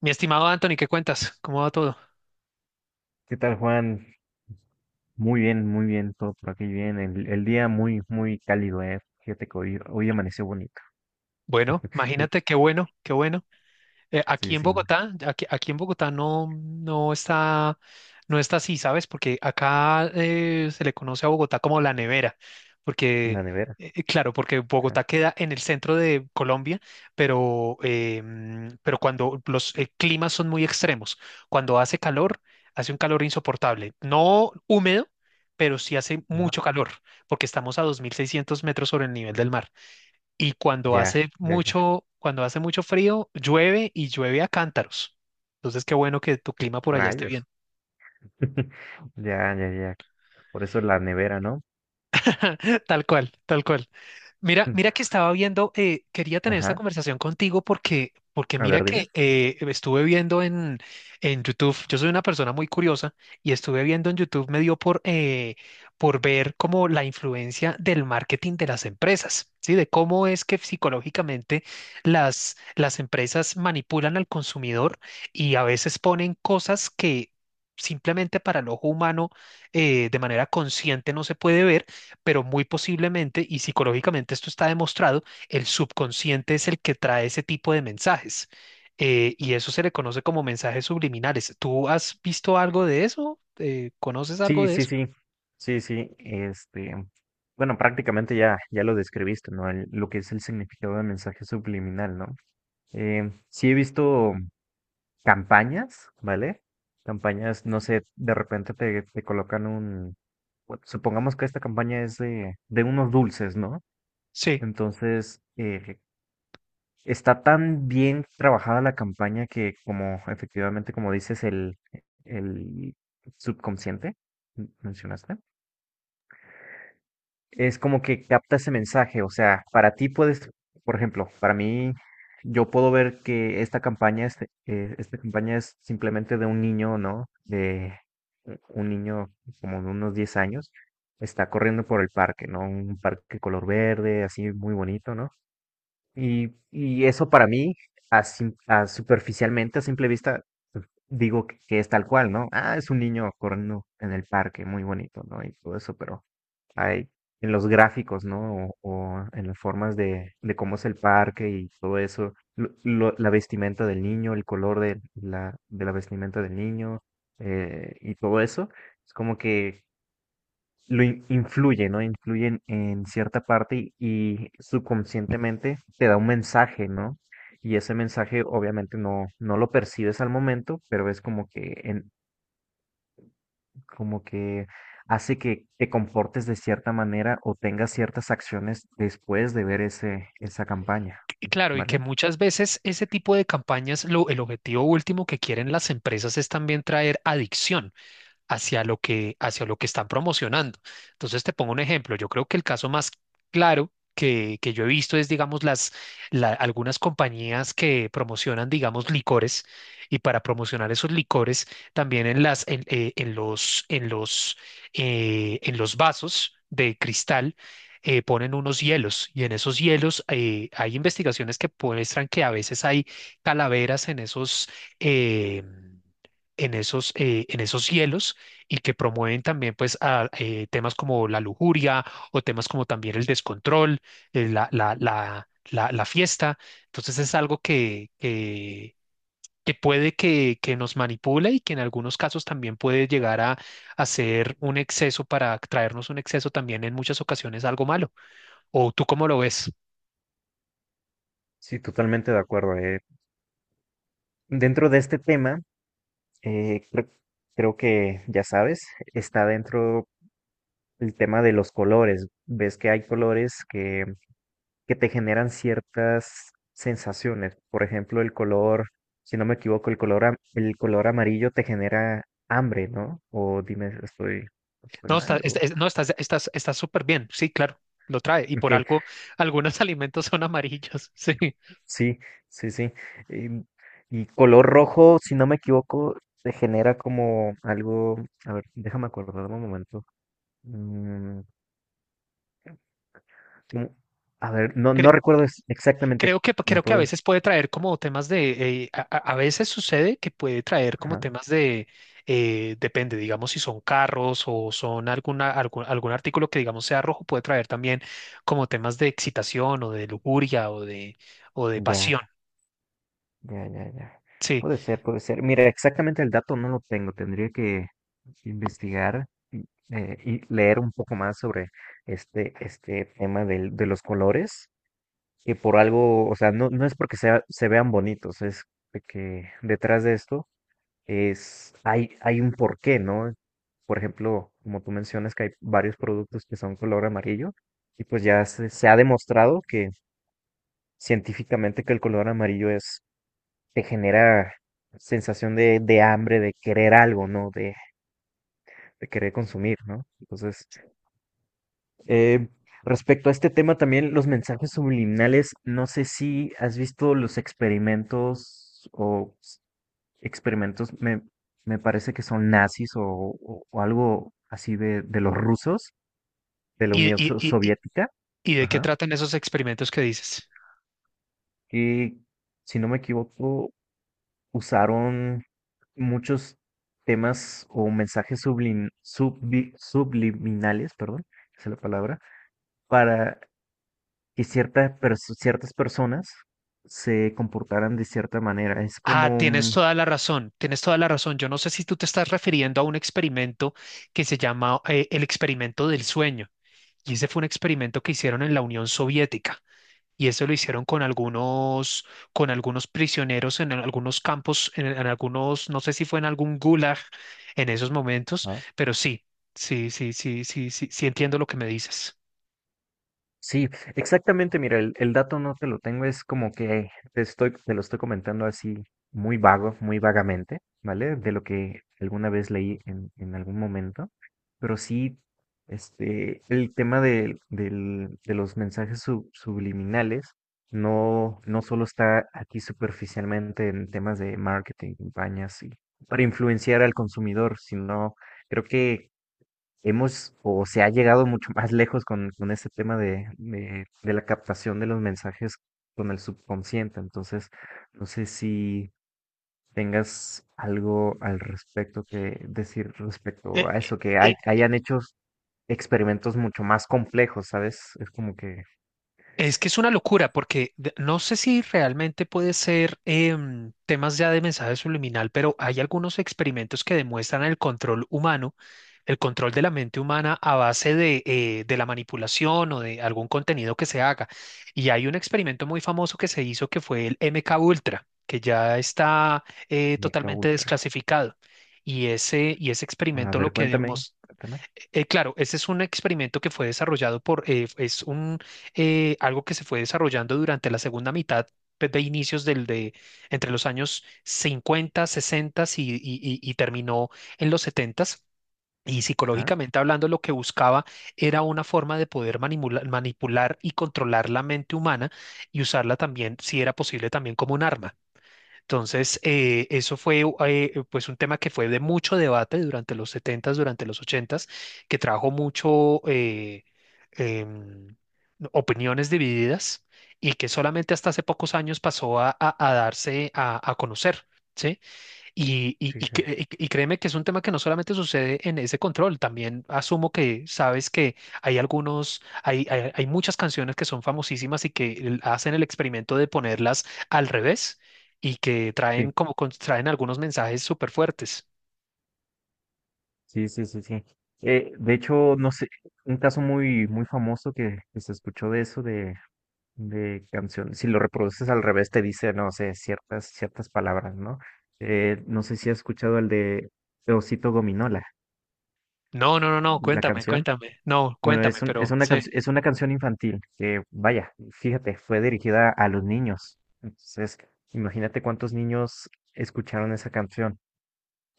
Mi estimado Anthony, ¿qué cuentas? ¿Cómo va todo? ¿Qué tal, Juan? Muy bien, todo por aquí bien. El día muy, muy cálido, ¿eh? Fíjate que hoy amaneció bonito. Bueno, Sí, imagínate qué bueno, qué bueno. Aquí sí, en sí, en Bogotá, aquí en Bogotá no está, no está así, ¿sabes? Porque acá se le conoce a Bogotá como la nevera, porque, la nevera. Claro, porque Ajá, Bogotá queda en el centro de Colombia, pero, pero cuando los climas son muy extremos, cuando hace calor, hace un calor insoportable, no húmedo, pero sí hace ¿no? mucho calor, porque estamos a 2600 metros sobre el nivel del mar y Ya, ya, ya, cuando hace mucho frío, llueve y llueve a cántaros. Entonces, qué bueno que tu clima por allá esté bien. rayos. Ya, ya, ya. Por eso la nevera, ¿no? Tal cual, tal cual. Mira que estaba viendo, quería tener esta Ajá. conversación contigo porque, porque A mira ver, dime. que estuve viendo en YouTube, yo soy una persona muy curiosa y estuve viendo en YouTube, me dio por ver como la influencia del marketing de las empresas, ¿sí? De cómo es que psicológicamente las empresas manipulan al consumidor y a veces ponen cosas que simplemente para el ojo humano de manera consciente no se puede ver, pero muy posiblemente, y psicológicamente esto está demostrado, el subconsciente es el que trae ese tipo de mensajes. Y eso se le conoce como mensajes subliminales. ¿Tú has visto algo de eso? ¿Conoces algo Sí, de sí, eso? sí. Sí, sí. Este, bueno, prácticamente ya lo describiste, ¿no? Lo que es el significado del mensaje subliminal, ¿no? Sí he visto campañas, ¿vale? Campañas, no sé, de repente te colocan bueno, supongamos que esta campaña es de unos dulces, ¿no? Sí, Entonces, está tan bien trabajada la campaña que como efectivamente, como dices, el subconsciente, mencionaste es como que capta ese mensaje. O sea, para ti puedes, por ejemplo, para mí, yo puedo ver que esta campaña es simplemente de un niño, ¿no? De un niño como de unos 10 años, está corriendo por el parque, ¿no? Un parque color verde, así muy bonito, ¿no? Y eso para mí, a superficialmente, a simple vista, digo que es tal cual, ¿no? Ah, es un niño corriendo en el parque, muy bonito, ¿no? Y todo eso, pero hay en los gráficos, ¿no? O en las formas de cómo es el parque y todo eso, la vestimenta del niño, el color de la vestimenta del niño y todo eso, es como que influye, ¿no? Influye en cierta parte y subconscientemente te da un mensaje, ¿no? Y ese mensaje obviamente no lo percibes al momento, pero es como que como que hace que te comportes de cierta manera o tengas ciertas acciones después de ver esa campaña, y claro, y que ¿vale? muchas veces ese tipo de campañas, lo, el objetivo último que quieren las empresas es también traer adicción hacia lo que están promocionando. Entonces, te pongo un ejemplo. Yo creo que el caso más claro que yo he visto es, digamos, algunas compañías que promocionan, digamos, licores, y para promocionar esos licores también en las, en los, en los, en los vasos de cristal, ponen unos hielos y en esos hielos hay investigaciones que muestran que a veces hay calaveras en eh, en esos hielos, y que promueven también pues a, temas como la lujuria o temas como también el descontrol, la fiesta. Entonces es algo que puede que nos manipule y que en algunos casos también puede llegar a ser un exceso, para traernos un exceso también en muchas ocasiones algo malo. ¿O tú cómo lo ves? Sí, totalmente de acuerdo. Dentro de este tema, eh, creo, creo que ya sabes, está dentro el tema de los colores. Ves que hay colores que te generan ciertas sensaciones. Por ejemplo, el color, si no me equivoco, el color amarillo te genera hambre, ¿no? O dime, estoy No, está, mal o... no, estás súper bien. Sí, claro, lo trae. Y Ok, por algo, algunos alimentos son amarillos. sí, sí, sí. Em, Y, color rojo, si no me equivoco, se genera como algo. A ver, déjame acordar un momento. Mm, como- a ver, no, Sí, no recuerdo exactamente. creo que, ¿Me creo que a puedes? veces puede traer como temas de, a veces sucede que puede traer como Ajá. temas de, depende, digamos, si son carros o son alguna, algún artículo que digamos sea rojo, puede traer también como temas de excitación o de lujuria o de Ya, pasión, ya, ya, ya. sí. Puede ser, puede ser. Mira, exactamente el dato no lo tengo. Tendría que investigar y leer un poco más sobre este tema de los colores. Que por algo, o sea, no es porque se vean bonitos, es de que detrás de esto hay un porqué, ¿no? Por ejemplo, como tú mencionas que hay varios productos que son color amarillo, y pues ya se ha demostrado que científicamente que el color amarillo te genera sensación de hambre, de querer algo, ¿no? De querer consumir, ¿no? Entonces, Eh, respecto a este tema también, los mensajes subliminales, no sé si has visto los experimentos experimentos, me parece que son nazis o algo así de los rusos, de la ¿Y, Unión y, y, y Soviética, y de qué ajá, tratan esos experimentos que dices? que si no me equivoco, usaron muchos temas o mensajes subliminales, perdón, esa es la palabra, para que ciertas personas se comportaran de cierta manera. Es Ah, como, tienes toda la razón, tienes toda la razón. Yo no sé si tú te estás refiriendo a un experimento que se llama, el experimento del sueño. Y ese fue un experimento que hicieron en la Unión Soviética. Y eso lo hicieron con algunos prisioneros en algunos campos, en algunos, no sé si fue en algún gulag en esos momentos, ah, pero sí, sí entiendo lo que me dices. sí, exactamente. Mira, el dato no te lo tengo, es como que te lo estoy comentando así muy vago, muy vagamente, ¿vale? De lo que alguna vez leí en algún momento. Pero sí, este, el tema de los mensajes subliminales no solo está aquí superficialmente en temas de marketing, campañas y para influenciar al consumidor, sino creo que hemos o se ha llegado mucho más lejos con ese tema de la captación de los mensajes con el subconsciente. Entonces, no sé si tengas algo al respecto que decir respecto Eh, a eso, que eh, hayan hecho experimentos mucho más complejos, ¿sabes? Es como que Es que es una locura porque no sé si realmente puede ser temas ya de mensaje subliminal, pero hay algunos experimentos que demuestran el control humano, el control de la mente humana a base de la manipulación o de algún contenido que se haga. Y hay un experimento muy famoso que se hizo, que fue el MK Ultra, que ya está meca totalmente ultra. desclasificado. Y ese A experimento lo ver, que cuéntame, demostró... cuéntame. Claro, ese es un experimento que fue desarrollado por, algo que se fue desarrollando durante la segunda mitad, pues, de inicios del, de, entre los años cincuenta, 60, y terminó en los 70. Y Ah, psicológicamente hablando, lo que buscaba era una forma de poder manipular y controlar la mente humana y usarla también, si era posible, también como un arma. Entonces, eso fue, pues, un tema que fue de mucho debate durante los setentas, durante los ochentas, que trajo mucho em, opiniones divididas, y que solamente hasta hace pocos años pasó a darse a conocer, ¿sí? Y, y- sí, y sí. cre- y créeme que es un tema que no solamente sucede en ese control, también asumo que sabes que hay algunos, hay muchas canciones que son famosísimas y que hacen el experimento de ponerlas al revés y que traen Sí, como traen algunos mensajes súper fuertes. sí, sí, sí. Sí. De hecho, no sé, un caso muy, muy famoso que se escuchó de eso, de canciones. Si lo reproduces al revés, te dice, no sé, ciertas palabras, ¿no? No sé si has escuchado el de Osito Gominola, No, la cuéntame, canción. cuéntame, no, Bueno, cuéntame, pero sí. Es una canción infantil que, vaya, fíjate, fue dirigida a los niños. Entonces, imagínate cuántos niños escucharon esa canción.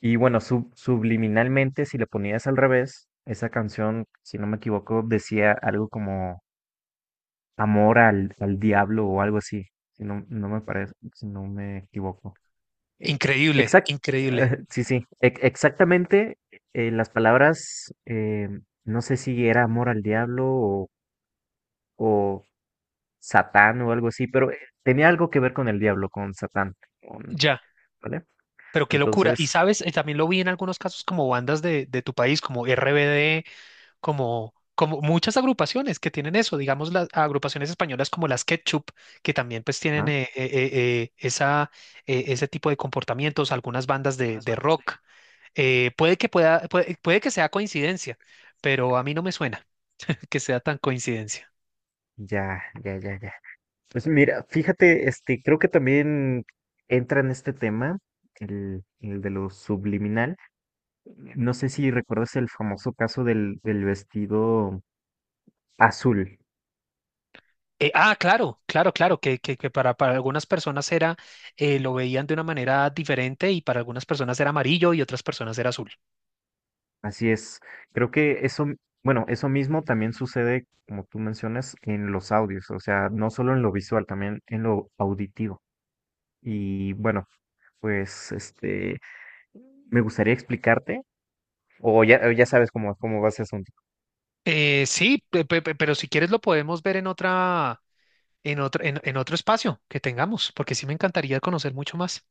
Y bueno, subliminalmente, si le ponías al revés, esa canción, si no me equivoco, decía algo como Amor al diablo o algo así, si no, no me parece, si no me equivoco. Eh, Increíble, exact, increíble. Sí, sí, exactamente las palabras, no sé si era amor al diablo o Satán o algo así, pero tenía algo que ver con el diablo, con Satán, con- Ya, ¿vale? pero qué locura. Y Entonces, sabes, eh, también lo vi en algunos casos como bandas de tu país, como RBD, como, como muchas agrupaciones que tienen eso, digamos las agrupaciones españolas como las Ketchup, que también pues tienen ah, esa, ese tipo de comportamientos, algunas bandas unas de bandas rock. de... Puede que pueda, puede, puede que sea coincidencia, pero a mí no me suena que sea tan coincidencia. Ya, ya, ya, ya. Pues mira, fíjate, este, creo que también entra en este tema, el de lo subliminal. No sé si recuerdas el famoso caso del vestido azul. Claro, que para algunas personas era, lo veían de una manera diferente, y para algunas personas era amarillo y otras personas era azul. Así es. Creo que eso, bueno, eso mismo también sucede, como tú mencionas, en los audios, o sea, no solo en lo visual, también en lo auditivo. Y bueno, pues este, me gustaría explicarte, o ya sabes cómo va ese asunto. Sí, pero si quieres lo podemos ver en otra, en otro espacio que tengamos, porque sí me encantaría conocer mucho más.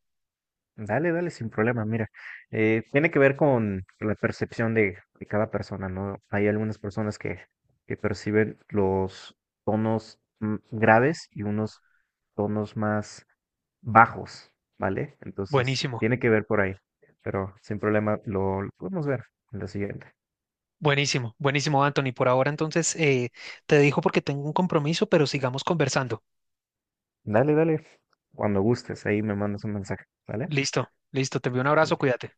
Dale, dale, sin problema. Mira, tiene que ver con la percepción de cada persona, ¿no? Hay algunas personas que perciben los tonos graves y unos tonos más bajos, ¿vale? Entonces, Buenísimo, tiene que ver por ahí, pero sin problema lo podemos ver en la siguiente. buenísimo, buenísimo, Anthony. Por ahora entonces, te dejo porque tengo un compromiso, pero sigamos conversando. Dale, dale, cuando gustes, ahí me mandas un mensaje, ¿vale? Listo, listo, te envío un abrazo, cuídate.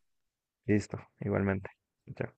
Listo, igualmente. Chao.